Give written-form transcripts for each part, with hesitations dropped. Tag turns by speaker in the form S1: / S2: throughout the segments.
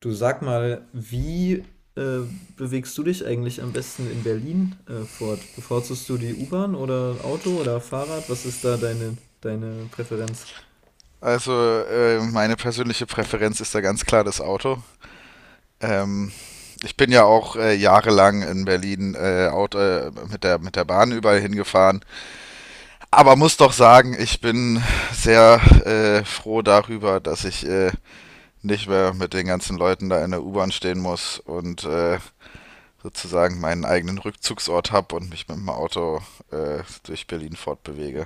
S1: Du, sag mal, wie äh, bewegst du dich eigentlich am besten in Berlin fort? Bevorzugst du die U-Bahn oder Auto oder Fahrrad? Was ist da deine Präferenz?
S2: Also meine persönliche Präferenz ist da ganz klar das Auto. Ähm, Ich bin ja auch jahrelang in Berlin mit der Bahn überall hingefahren. Aber muss doch sagen, ich bin sehr froh darüber, dass ich nicht mehr mit den ganzen Leuten da in der U-Bahn stehen muss und sozusagen meinen eigenen Rückzugsort habe und mich mit dem Auto durch Berlin fortbewege.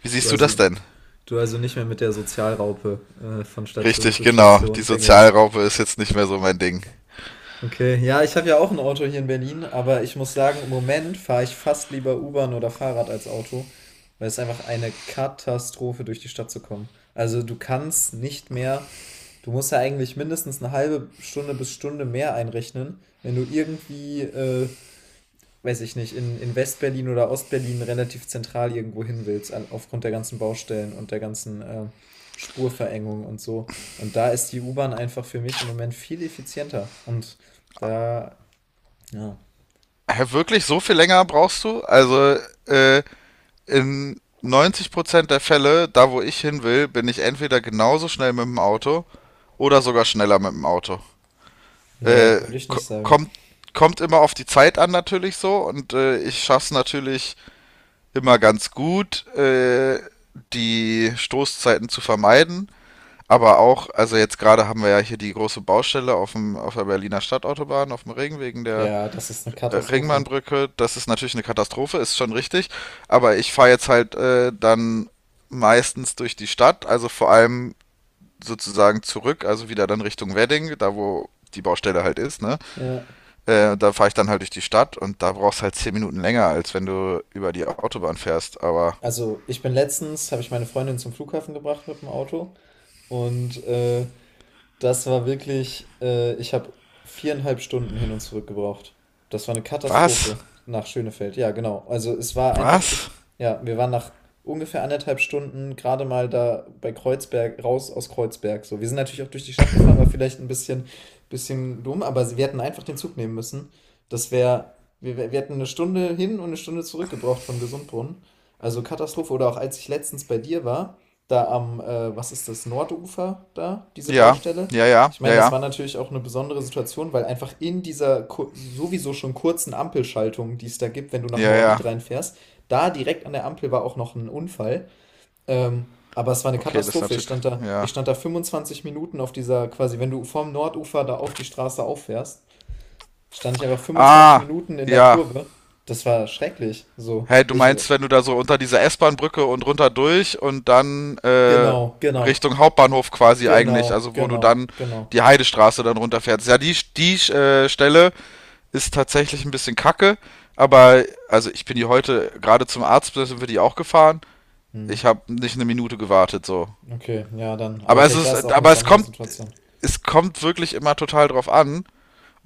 S2: Wie
S1: Du
S2: siehst du das
S1: also,
S2: denn?
S1: du also nicht mehr mit der Sozialraupe von Station
S2: Richtig,
S1: zu
S2: genau.
S1: Station
S2: Die
S1: tingelst.
S2: Sozialraupe ist jetzt nicht mehr so mein Ding.
S1: Okay, ja, ich habe ja auch ein Auto hier in Berlin, aber ich muss sagen, im Moment fahre ich fast lieber U-Bahn oder Fahrrad als Auto, weil es einfach eine Katastrophe, durch die Stadt zu kommen. Also du kannst nicht mehr. Du musst ja eigentlich mindestens eine halbe Stunde bis Stunde mehr einrechnen, wenn du irgendwie, weiß ich nicht, in Westberlin oder Ostberlin relativ zentral irgendwo hin willst, an, aufgrund der ganzen Baustellen und der ganzen Spurverengung und so. Und da ist die U-Bahn einfach für mich im Moment viel effizienter. Und da, ja,
S2: Hä, wirklich so viel länger brauchst du? Also, äh, in 90% der Fälle, da wo ich hin will, bin ich entweder genauso schnell mit dem Auto oder sogar schneller mit dem Auto.
S1: nee,
S2: Äh,
S1: würde ich
S2: ko-
S1: nicht sagen.
S2: kommt, kommt immer auf die Zeit an natürlich so, und ich schaff's natürlich immer ganz gut, die Stoßzeiten zu vermeiden. Aber auch, also jetzt gerade haben wir ja hier die große Baustelle auf dem, auf der Berliner Stadtautobahn, auf dem Ring, wegen der
S1: Ja, das ist eine Katastrophe.
S2: Ringbahnbrücke. Das ist natürlich eine Katastrophe, ist schon richtig. Aber ich fahre jetzt halt dann meistens durch die Stadt, also vor allem sozusagen zurück, also wieder dann Richtung Wedding, da wo die Baustelle halt ist, ne?
S1: Ja.
S2: Da fahre ich dann halt durch die Stadt und da brauchst halt 10 Minuten länger, als wenn du über die Autobahn fährst. Aber
S1: Also, ich bin letztens, habe ich meine Freundin zum Flughafen gebracht mit dem Auto und das war wirklich, ich habe viereinhalb Stunden hin und zurück gebraucht. Das war eine
S2: was?
S1: Katastrophe nach Schönefeld. Ja, genau. Also es war einfach,
S2: Was?
S1: ich, ja, wir waren nach ungefähr anderthalb Stunden gerade mal da bei Kreuzberg, raus aus Kreuzberg. So, wir sind natürlich auch durch die Stadt gefahren, war vielleicht ein bisschen dumm, aber wir hätten einfach den Zug nehmen müssen. Das wäre, wir hätten eine Stunde hin und eine Stunde zurück gebraucht von Gesundbrunnen. Also Katastrophe. Oder auch als ich letztens bei dir war, da am, was ist das, Nordufer da, diese
S2: Ja,
S1: Baustelle.
S2: ja, ja,
S1: Ich
S2: ja,
S1: meine, das
S2: ja,
S1: war natürlich auch eine besondere Situation, weil einfach in dieser ku- sowieso schon kurzen Ampelschaltung, die es da gibt, wenn du nach
S2: ja, ja.
S1: Moabit reinfährst, da direkt an der Ampel war auch noch ein Unfall. Aber es war eine
S2: Okay, das ist
S1: Katastrophe.
S2: natürlich,
S1: Ich
S2: ja.
S1: stand da 25 Minuten auf dieser, quasi, wenn du vom Nordufer da auf die Straße auffährst, stand ich einfach fünfundzwanzig
S2: Ah,
S1: Minuten in der
S2: ja.
S1: Kurve. Das war schrecklich. So,
S2: Hey, du
S1: ich,
S2: meinst, wenn du da so unter dieser S-Bahn-Brücke und runter durch und dann
S1: genau, genau,
S2: Richtung Hauptbahnhof quasi,
S1: genau,
S2: eigentlich, also wo du
S1: genau,
S2: dann
S1: genau.
S2: die Heidestraße dann runterfährst. Ja, die Stelle ist tatsächlich ein bisschen kacke, aber also ich bin die heute gerade zum Arzt, da sind wir die auch gefahren.
S1: Hm.
S2: Ich habe nicht eine Minute gewartet so.
S1: Okay, ja, dann. Aber vielleicht war es auch eine
S2: Aber
S1: Sondersituation.
S2: es kommt wirklich immer total drauf an.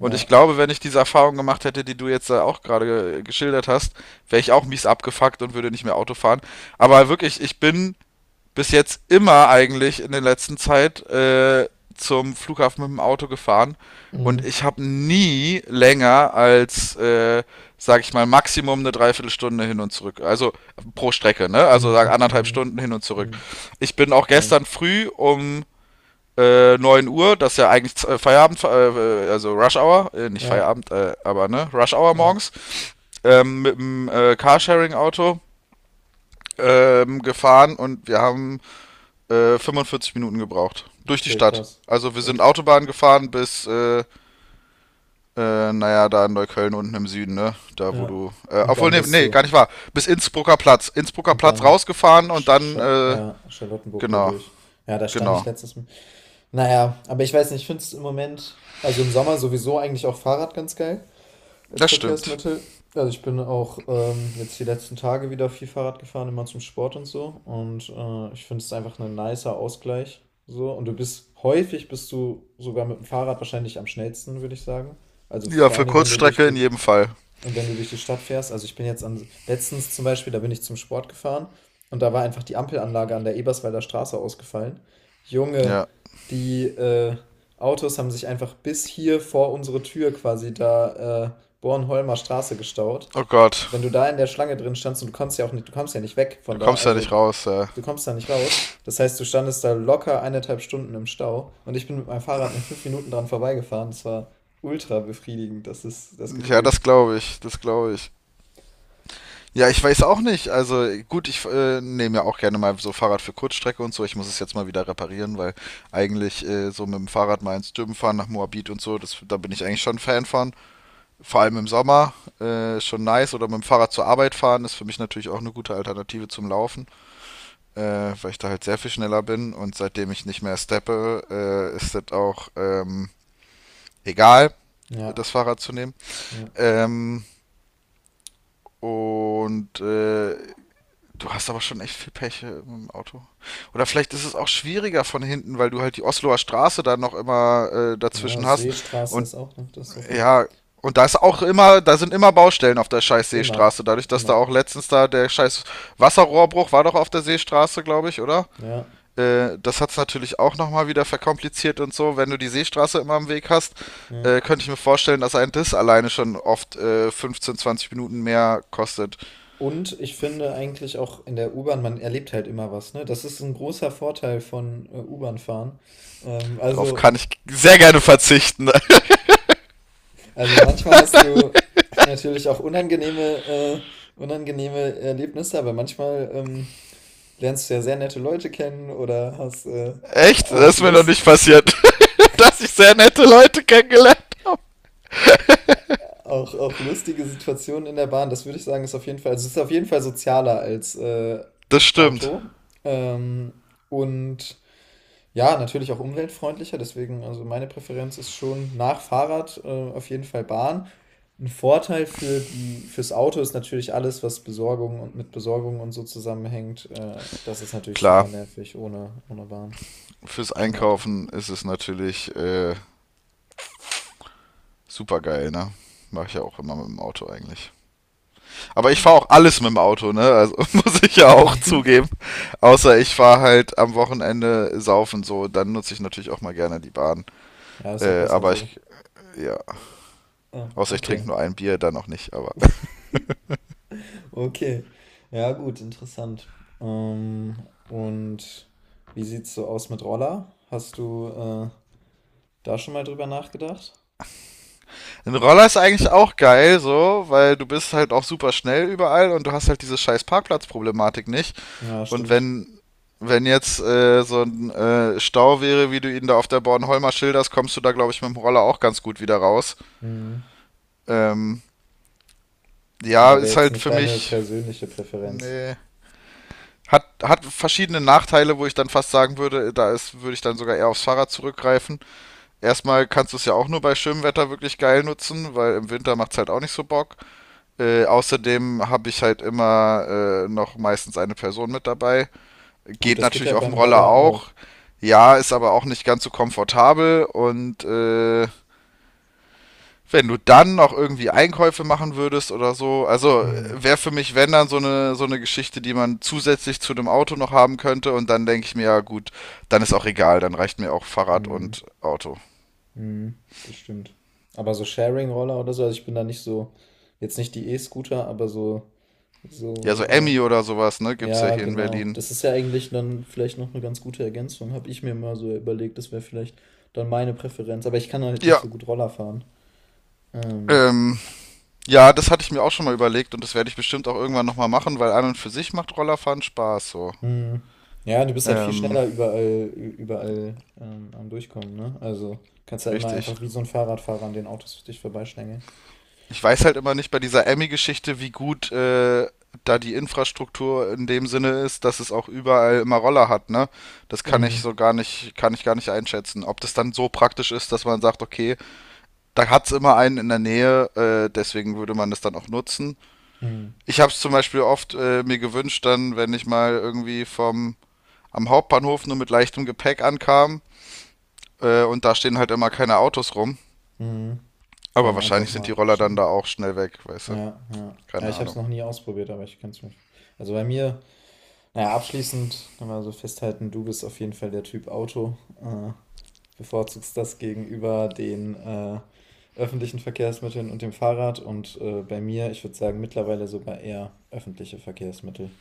S2: Und ich glaube, wenn ich diese Erfahrung gemacht hätte, die du jetzt auch gerade geschildert hast, wäre ich auch mies abgefuckt und würde nicht mehr Auto fahren. Aber wirklich, ich bin bis jetzt immer eigentlich in der letzten Zeit zum Flughafen mit dem Auto gefahren, und
S1: Mhm.
S2: ich habe nie länger als, sag ich mal, Maximum eine Dreiviertelstunde hin und zurück. Also pro Strecke, ne? Also sag
S1: Mhm.
S2: anderthalb
S1: Mhm.
S2: Stunden hin und zurück.
S1: Mhm.
S2: Ich bin auch
S1: Okay.
S2: gestern früh um 9 Uhr, das ist ja eigentlich Feierabend, also Rush Hour, nicht
S1: Ja.
S2: Feierabend, aber ne, Rush Hour
S1: Ja.
S2: morgens, mit dem Carsharing-Auto gefahren, und wir haben 45 Minuten gebraucht. Durch die
S1: Okay,
S2: Stadt.
S1: krass.
S2: Also wir sind
S1: Krass.
S2: Autobahn gefahren bis, naja, da in Neukölln unten im Süden, ne? Da wo
S1: Ja.
S2: du.
S1: Und
S2: Obwohl,
S1: dann
S2: nee,
S1: bist
S2: nee,
S1: du.
S2: gar nicht wahr. Bis Innsbrucker Platz. Innsbrucker
S1: Und
S2: Platz
S1: dann.
S2: rausgefahren und
S1: Sch Sch
S2: dann,
S1: ja, Charlottenburg
S2: genau,
S1: dadurch. Ja, da stand ich
S2: genau.
S1: letztes Mal. Naja, aber ich weiß nicht, ich finde es im Moment, also im Sommer sowieso eigentlich auch Fahrrad ganz geil als
S2: Das stimmt.
S1: Verkehrsmittel. Also ich bin auch jetzt die letzten Tage wieder viel Fahrrad gefahren, immer zum Sport und so. Und ich finde es einfach ein nicer Ausgleich. So. Und du bist häufig, bist du sogar mit dem Fahrrad wahrscheinlich am schnellsten, würde ich sagen. Also
S2: Ja,
S1: vor allen
S2: für
S1: Dingen, wenn du durch
S2: Kurzstrecke in
S1: die,
S2: jedem Fall.
S1: und wenn du durch die Stadt fährst, also ich bin jetzt an, letztens zum Beispiel, da bin ich zum Sport gefahren und da war einfach die Ampelanlage an der Eberswalder Straße ausgefallen. Junge,
S2: Ja.
S1: die Autos haben sich einfach bis hier vor unsere Tür quasi da Bornholmer Straße gestaut.
S2: Oh Gott.
S1: Wenn du da in der Schlange drin standst und du kommst ja auch nicht, du kommst ja nicht weg
S2: Du
S1: von da,
S2: kommst da
S1: also
S2: nicht
S1: du,
S2: raus, ja.
S1: du kommst da nicht raus. Das heißt, du standest da locker eineinhalb Stunden im Stau und ich bin mit meinem Fahrrad in 5 Minuten dran vorbeigefahren. Das war ultra befriedigend, das ist das
S2: Ja,
S1: Gefühl.
S2: das glaube ich, das glaube ich. Ja, ich weiß auch nicht. Also gut, ich nehme ja auch gerne mal so Fahrrad für Kurzstrecke und so. Ich muss es jetzt mal wieder reparieren, weil eigentlich so mit dem Fahrrad mal ins Dürben fahren nach Moabit und so, das, da bin ich eigentlich schon ein Fan von. Vor allem im Sommer ist schon nice. Oder mit dem Fahrrad zur Arbeit fahren ist für mich natürlich auch eine gute Alternative zum Laufen, äh, weil ich da halt sehr viel schneller bin. Und seitdem ich nicht mehr steppe, ist das auch egal,
S1: Ja.
S2: das Fahrrad zu nehmen.
S1: Ja.
S2: Ähm, Und du hast aber schon echt viel Pech mit dem Auto. Oder vielleicht ist es auch schwieriger von hinten, weil du halt die Osloer Straße dann noch immer
S1: Ja,
S2: dazwischen hast.
S1: Seestraße
S2: Und
S1: ist auch eine Katastrophe.
S2: ja, und da ist auch immer, da sind immer Baustellen auf der scheiß
S1: Immer,
S2: Seestraße. Dadurch, dass da
S1: immer.
S2: auch letztens da der scheiß Wasserrohrbruch war, doch, auf der Seestraße, glaube ich, oder?
S1: Ja,
S2: Das hat's natürlich auch nochmal wieder verkompliziert und so. Wenn du die Seestraße immer im Weg hast,
S1: ja.
S2: könnte ich mir vorstellen, dass ein Diss alleine schon oft 15, 20 Minuten mehr kostet.
S1: Und ich finde eigentlich auch in der U-Bahn, man erlebt halt immer was, ne? Das ist ein großer Vorteil von U-Bahn-Fahren. Ähm,
S2: Darauf kann
S1: also,
S2: ich sehr gerne verzichten.
S1: also manchmal hast du natürlich auch unangenehme Erlebnisse, aber manchmal lernst du ja sehr nette Leute kennen oder hast
S2: Echt? Das
S1: auch
S2: ist mir noch nicht
S1: Lust,
S2: passiert, dass ich sehr nette Leute kennengelernt habe.
S1: auch, auch lustige Situationen in der Bahn, das würde ich sagen, ist auf jeden Fall, also es ist auf jeden Fall sozialer als
S2: Das stimmt.
S1: Auto. Ähm, und ja, natürlich auch umweltfreundlicher, deswegen, also meine Präferenz ist schon nach Fahrrad auf jeden Fall Bahn. Ein Vorteil für die, fürs Auto ist natürlich alles, was Besorgung und mit Besorgung und so zusammenhängt. Das ist natürlich super
S2: Klar,
S1: nervig ohne Bahn,
S2: fürs
S1: ohne Auto.
S2: Einkaufen ist es natürlich super geil, ne? Mache ich ja auch immer mit dem Auto eigentlich. Aber ich
S1: Ja,
S2: fahre auch alles mit dem Auto, ne? Also muss ich ja auch zugeben. Außer ich fahre halt am Wochenende saufen so, dann nutze ich natürlich auch mal gerne die Bahn.
S1: ja ist auch besser
S2: Aber
S1: so.
S2: ich, ja,
S1: Ah,
S2: außer ich
S1: okay.
S2: trinke nur ein Bier, dann auch nicht, aber.
S1: Okay. Ja, gut, interessant. Ähm, und wie sieht's so aus mit Roller? Hast du da schon mal drüber nachgedacht?
S2: Ein Roller ist eigentlich auch geil, so, weil du bist halt auch super schnell überall und du hast halt diese scheiß Parkplatzproblematik nicht.
S1: Ja,
S2: Und
S1: stimmt.
S2: wenn jetzt so ein Stau wäre, wie du ihn da auf der Bornholmer schilderst, kommst du da, glaube ich, mit dem Roller auch ganz gut wieder raus.
S1: Mhm.
S2: Ähm, ja,
S1: Aber wäre
S2: ist
S1: jetzt
S2: halt
S1: nicht
S2: für
S1: deine
S2: mich,
S1: persönliche Präferenz.
S2: nee. Hat verschiedene Nachteile, wo ich dann fast sagen würde, da ist, würde ich dann sogar eher aufs Fahrrad zurückgreifen. Erstmal kannst du es ja auch nur bei schönem Wetter wirklich geil nutzen, weil im Winter macht es halt auch nicht so Bock. Außerdem habe ich halt immer noch meistens eine Person mit dabei.
S1: Gut,
S2: Geht
S1: das geht ja
S2: natürlich auf dem
S1: beim
S2: Roller
S1: Roller auch.
S2: auch. Ja, ist aber auch nicht ganz so komfortabel. Und wenn du dann noch irgendwie Einkäufe machen würdest oder so, also
S1: Mhm.
S2: wäre für mich, wenn dann so eine Geschichte, die man zusätzlich zu dem Auto noch haben könnte. Und dann denke ich mir, ja gut, dann ist auch egal, dann reicht mir auch Fahrrad
S1: Mhm.
S2: und Auto.
S1: Mhm. Das stimmt. Aber so Sharing-Roller oder so, also ich bin da nicht so, jetzt nicht die E-Scooter, aber so,
S2: Ja, so
S1: so
S2: Emmy oder sowas, ne, gibt's ja
S1: ja,
S2: hier in
S1: genau.
S2: Berlin.
S1: Das ist ja eigentlich dann vielleicht noch eine ganz gute Ergänzung, habe ich mir mal so überlegt. Das wäre vielleicht dann meine Präferenz, aber ich kann halt nicht
S2: Ja,
S1: so gut Roller fahren. Ähm,
S2: ähm, ja, das hatte ich mir auch schon mal überlegt, und das werde ich bestimmt auch irgendwann nochmal machen, weil an und für sich macht Rollerfahren Spaß so.
S1: mhm. Ja, du bist halt viel
S2: Ähm,
S1: schneller überall, am Durchkommen, ne? Also, kannst ja immer
S2: Richtig.
S1: einfach wie so ein Fahrradfahrer an den Autos für dich vorbeischlängeln.
S2: Ich weiß halt immer nicht bei dieser Emmy-Geschichte, wie gut da die Infrastruktur in dem Sinne ist, dass es auch überall immer Roller hat, ne? Das kann ich
S1: Mhm,
S2: so gar nicht, kann ich gar nicht einschätzen. Ob das dann so praktisch ist, dass man sagt, okay, da hat's immer einen in der Nähe, deswegen würde man das dann auch nutzen.
S1: mhm,
S2: Ich habe es zum Beispiel oft mir gewünscht, dann, wenn ich mal irgendwie vom am Hauptbahnhof nur mit leichtem Gepäck ankamen. Und da stehen halt immer keine Autos rum.
S1: mhm.
S2: Aber
S1: Dann einfach
S2: wahrscheinlich sind die
S1: mal
S2: Roller dann
S1: schnell.
S2: da auch schnell weg, weißt du?
S1: Ja, ja. Ja,
S2: Keine
S1: ich habe es
S2: Ahnung.
S1: noch nie ausprobiert, aber ich kann's mir also, bei mir, na ja, abschließend können wir so festhalten, du bist auf jeden Fall der Typ Auto, äh, bevorzugst das gegenüber den öffentlichen Verkehrsmitteln und dem Fahrrad und bei mir, ich würde sagen, mittlerweile sogar eher öffentliche Verkehrsmittel.